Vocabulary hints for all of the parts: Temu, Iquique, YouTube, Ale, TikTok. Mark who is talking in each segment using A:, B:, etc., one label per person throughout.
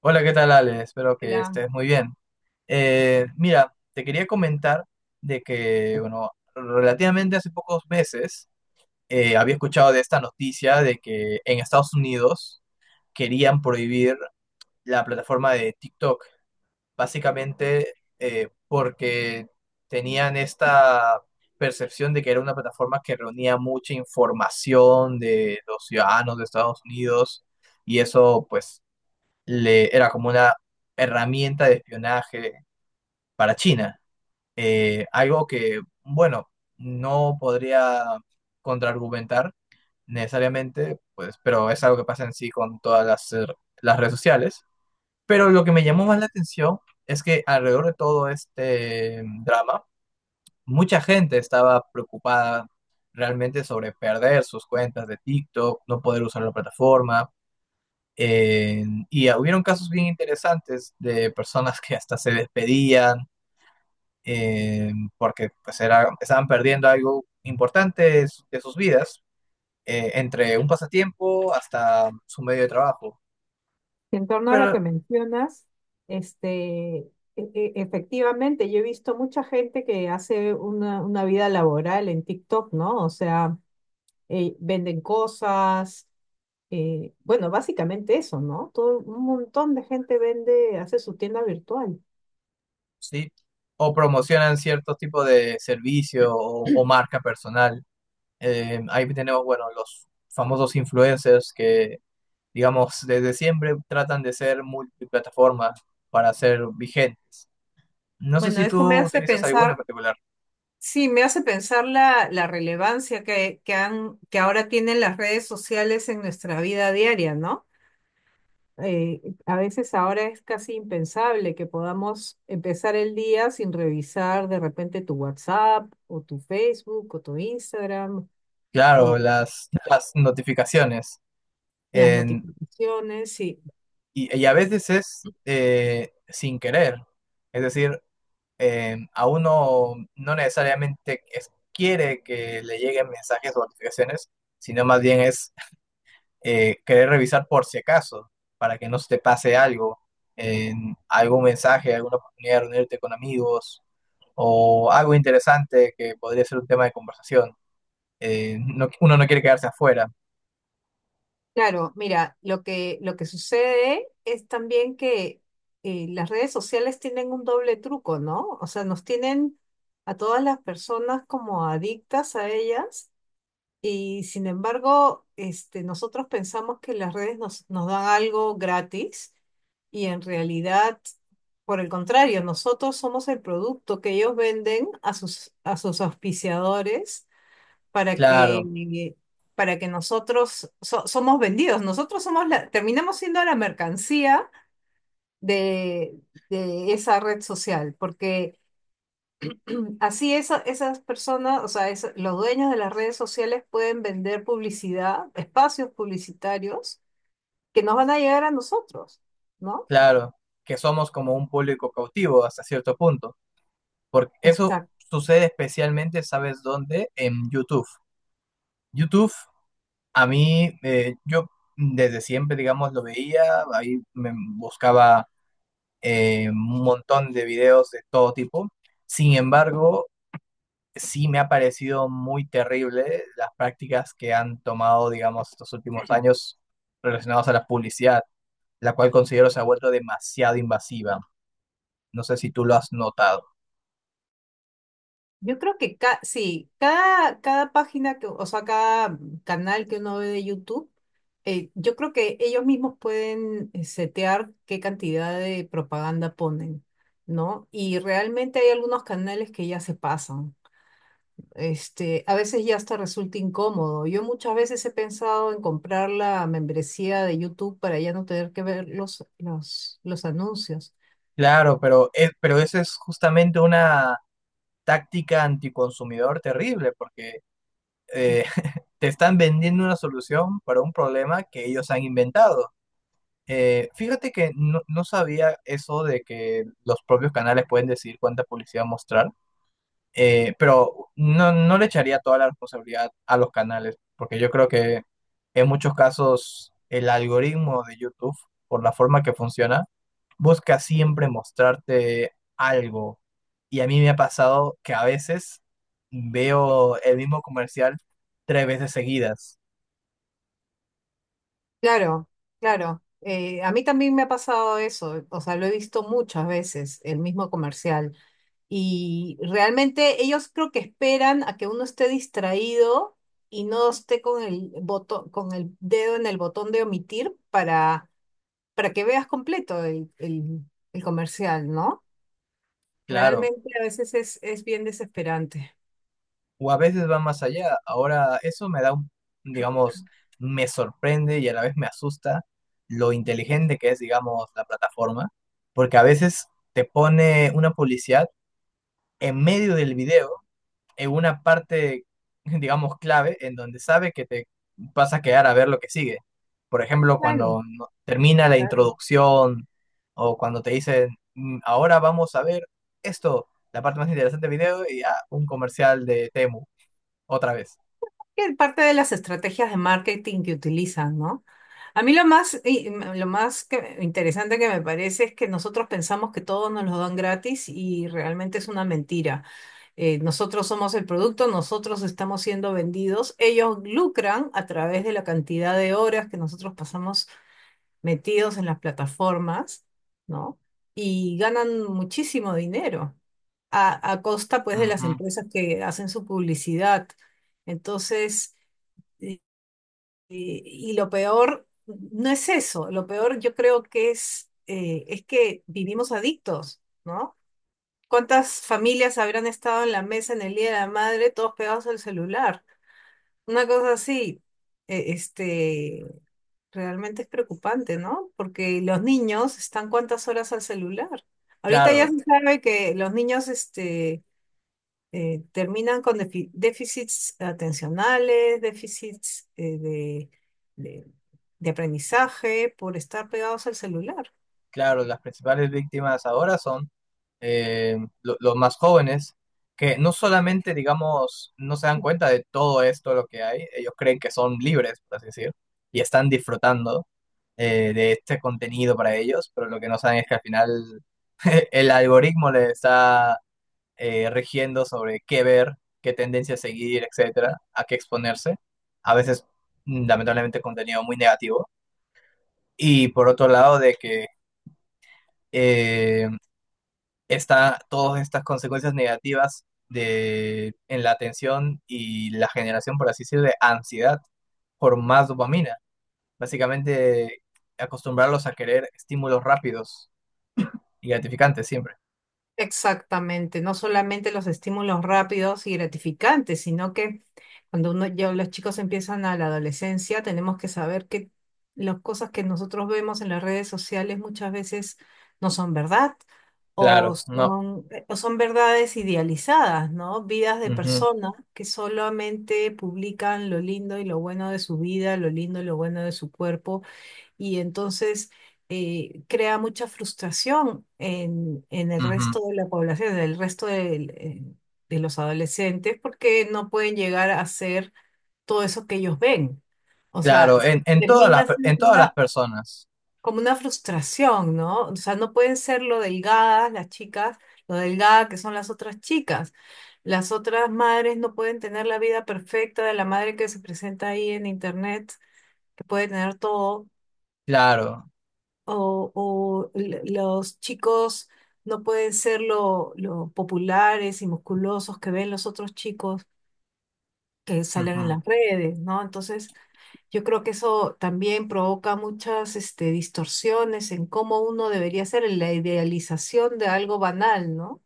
A: Hola, ¿qué tal, Ale? Espero que
B: La,
A: estés muy bien. Mira, te quería comentar de que, bueno, relativamente hace pocos meses había escuchado de esta noticia de que en Estados Unidos querían prohibir la plataforma de TikTok, básicamente porque tenían esta percepción de que era una plataforma que reunía mucha información de los ciudadanos de Estados Unidos y eso, pues, era como una herramienta de espionaje para China. Algo que, bueno, no podría contraargumentar necesariamente, pues, pero es algo que pasa en sí con todas las redes sociales. Pero lo que me llamó más la atención es que alrededor de todo este drama, mucha gente estaba preocupada realmente sobre perder sus cuentas de TikTok, no poder usar la plataforma eh, y hubieron casos bien interesantes de personas que hasta se despedían eh, porque pues era, estaban perdiendo algo importante de de sus vidas, entre un pasatiempo hasta su medio de trabajo.
B: En torno a lo que
A: Pero
B: mencionas, este, e- efectivamente, yo he visto mucha gente que hace una vida laboral en TikTok, ¿no? O sea, venden cosas, bueno, básicamente eso, ¿no? Todo, un montón de gente vende, hace su tienda virtual.
A: sí, o promocionan ciertos tipos de servicio o marca personal. Ahí tenemos, bueno, los famosos influencers que, digamos, desde siempre tratan de ser multiplataforma para ser vigentes. No sé
B: Bueno,
A: si
B: eso me
A: tú
B: hace
A: utilizas alguna en
B: pensar,
A: particular.
B: sí, me hace pensar la relevancia que ahora tienen las redes sociales en nuestra vida diaria, ¿no? A veces ahora es casi impensable que podamos empezar el día sin revisar de repente tu WhatsApp o tu Facebook o tu Instagram
A: Claro,
B: o
A: las notificaciones.
B: las
A: en-
B: notificaciones. Sí,
A: y, y a veces es sin querer. Es decir, a uno no necesariamente quiere que le lleguen mensajes o notificaciones, sino más bien es querer revisar por si acaso, para que no se te pase algo, en algún mensaje, alguna oportunidad de reunirte con amigos o algo interesante que podría ser un tema de conversación. Uno no quiere quedarse afuera.
B: claro, mira, lo que sucede es también que las redes sociales tienen un doble truco, ¿no? O sea, nos tienen a todas las personas como adictas a ellas. Y sin embargo, nosotros pensamos que las redes nos dan algo gratis y en realidad, por el contrario, nosotros somos el producto que ellos venden a a sus auspiciadores para
A: Claro,
B: que, para que nosotros somos vendidos. Nosotros somos terminamos siendo la mercancía de, de esa red social, porque así esas personas, o sea, los dueños de las redes sociales pueden vender publicidad, espacios publicitarios que nos van a llegar a nosotros, ¿no?
A: claro, que somos como un público cautivo hasta cierto punto, porque eso
B: Exacto.
A: sucede especialmente, ¿sabes dónde? En YouTube. YouTube, a mí, yo desde siempre, digamos, lo veía, ahí me buscaba un montón de videos de todo tipo. Sin embargo, sí me ha parecido muy terrible las prácticas que han tomado, digamos, estos últimos años relacionados a la publicidad, la cual considero se ha vuelto demasiado invasiva. No sé si tú lo has notado.
B: Yo creo que sí, cada página que, o sea, cada canal que uno ve de YouTube, yo creo que ellos mismos pueden setear qué cantidad de propaganda ponen, ¿no? Y realmente hay algunos canales que ya se pasan. Este, a veces ya hasta resulta incómodo. Yo muchas veces he pensado en comprar la membresía de YouTube para ya no tener que ver los anuncios.
A: Claro, pero esa es justamente una táctica anticonsumidor terrible, porque eh, te están vendiendo una solución para un problema que ellos han inventado. Fíjate que no, no sabía eso de que los propios canales pueden decidir cuánta publicidad mostrar. Pero no, no le echaría toda la responsabilidad a los canales, porque yo creo que en muchos casos el algoritmo de YouTube, por la forma que funciona, busca siempre mostrarte algo. Y a mí me ha pasado que a veces veo el mismo comercial 3 veces seguidas.
B: Claro, claro. A mí también me ha pasado eso. O sea, lo he visto muchas veces, el mismo comercial. Y realmente ellos creo que esperan a que uno esté distraído y no esté con el botón, con el dedo en el botón de omitir para que veas completo el comercial, ¿no?
A: Claro,
B: Realmente a veces es bien desesperante.
A: o a veces va más allá. Ahora, eso me da un, digamos, me sorprende y a la vez me asusta lo inteligente que es, digamos, la plataforma, porque a veces te pone una publicidad en medio del video, en una parte, digamos, clave, en donde sabe que te vas a quedar a ver lo que sigue. Por ejemplo,
B: Bueno,
A: cuando termina la
B: claro.
A: introducción o cuando te dicen, "Mm, ahora vamos a ver esto, la parte más interesante del video, y un comercial de Temu, otra vez".
B: Es parte de las estrategias de marketing que utilizan, ¿no? A mí lo más, lo más interesante que me parece es que nosotros pensamos que todo nos lo dan gratis y realmente es una mentira. Nosotros somos el producto, nosotros estamos siendo vendidos, ellos lucran a través de la cantidad de horas que nosotros pasamos metidos en las plataformas, ¿no? Y ganan muchísimo dinero a costa pues de las
A: Ujú.
B: empresas que hacen su publicidad. Entonces, y, y lo peor no es eso, lo peor yo creo que es que vivimos adictos, ¿no? ¿Cuántas familias habrán estado en la mesa en el Día de la Madre todos pegados al celular? Una cosa así, eh, este, realmente es preocupante, ¿no? Porque los niños están cuántas horas al celular. Ahorita ya
A: Claro,
B: se sabe que los niños, terminan con déficits atencionales, déficits de- de aprendizaje por estar pegados al celular.
A: claro, las principales víctimas ahora son los más jóvenes, que no solamente, digamos, no se dan cuenta de todo esto lo que hay, ellos creen que son libres, por así decir, y están disfrutando de este contenido para ellos, pero lo que no saben es que al final el algoritmo les está rigiendo sobre qué ver, qué tendencia seguir, etcétera, a qué exponerse, a veces lamentablemente contenido muy negativo, y por otro lado de que eh, está todas estas consecuencias negativas de, en la atención y la generación, por así decirlo, de ansiedad por más dopamina. Básicamente, acostumbrarlos a querer estímulos rápidos y gratificantes siempre.
B: Exactamente, no solamente los estímulos rápidos y gratificantes, sino que cuando uno, ya los chicos empiezan a la adolescencia, tenemos que saber que las cosas que nosotros vemos en las redes sociales muchas veces no son verdad
A: Claro, no.
B: o son verdades idealizadas, ¿no? Vidas de
A: Ujú,
B: personas que solamente publican lo lindo y lo bueno de su vida, lo lindo y lo bueno de su cuerpo y entonces crea mucha frustración en el
A: ujú.
B: resto de la población, en el resto de los adolescentes, porque no pueden llegar a hacer todo eso que ellos ven. O sea,
A: Claro, en todas
B: termina siendo
A: en todas las
B: una,
A: personas.
B: como una frustración, ¿no? O sea, no pueden ser lo delgadas las chicas, lo delgada que son las otras chicas. Las otras madres no pueden tener la vida perfecta de la madre que se presenta ahí en internet, que puede tener todo
A: Claro,
B: los chicos no pueden ser lo populares y musculosos que ven los otros chicos que salen en
A: ujú,
B: las redes, ¿no? Entonces, yo creo que eso también provoca muchas este, distorsiones en cómo uno debería ser, en la idealización de algo banal, ¿no?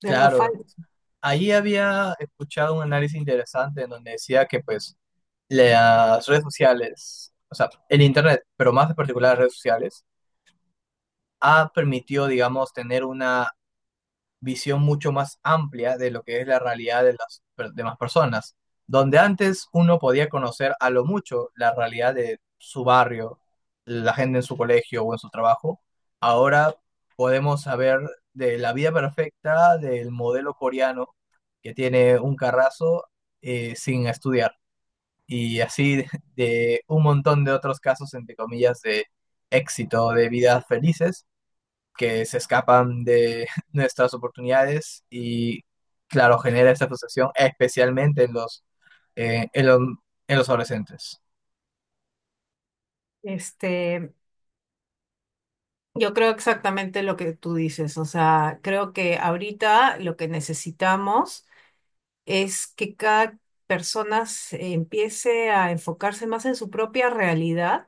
B: De algo
A: claro.
B: falso.
A: Ahí había escuchado un análisis interesante en donde decía que pues las redes sociales, o sea, el Internet, pero más en particular las redes sociales, ha permitido, digamos, tener una visión mucho más amplia de lo que es la realidad de demás personas. Donde antes uno podía conocer a lo mucho la realidad de su barrio, la gente en su colegio o en su trabajo, ahora podemos saber de la vida perfecta del modelo coreano que tiene un carrazo sin estudiar y así de un montón de otros casos, entre comillas, de éxito, de vidas felices, que se escapan de nuestras oportunidades y, claro, genera esta frustración, especialmente en eh, en los, en los adolescentes.
B: Este, yo creo exactamente lo que tú dices, o sea, creo que ahorita lo que necesitamos es que cada persona empiece a enfocarse más en su propia realidad,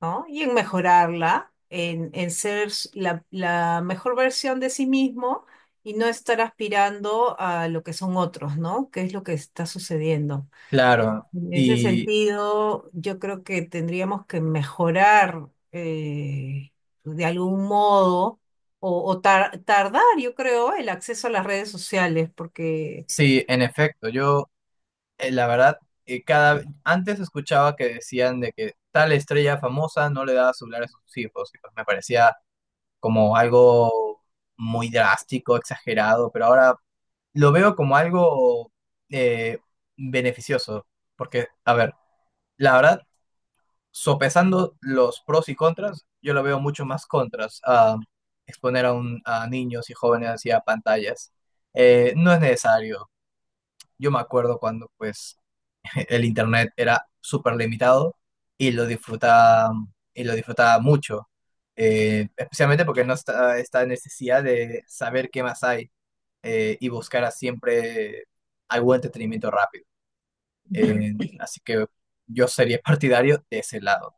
B: ¿no? Y en mejorarla, en ser la mejor versión de sí mismo y no estar aspirando a lo que son otros, ¿no? ¿Qué es lo que está sucediendo?
A: Claro,
B: En ese
A: y
B: sentido, yo creo que tendríamos que mejorar pues, de algún modo. O tardar, yo creo, el acceso a las redes sociales, porque
A: sí, en efecto, yo, la verdad, cada, antes escuchaba que decían de que tal estrella famosa no le daba celular a sus hijos, y pues me parecía como algo muy drástico, exagerado, pero ahora lo veo como algo eh, beneficioso, porque, a ver, la verdad, sopesando los pros y contras, yo lo veo mucho más contras a exponer a, un, a niños y jóvenes hacia pantallas. No es necesario. Yo me acuerdo cuando pues el internet era súper limitado y lo disfrutaba, y lo disfrutaba mucho, especialmente porque no está esta necesidad de saber qué más hay y buscar siempre algún entretenimiento rápido. Eh, así que yo sería partidario de ese lado.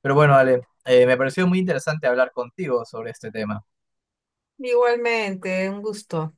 A: Pero bueno, Ale, me pareció muy interesante hablar contigo sobre este tema.
B: igualmente, un gusto.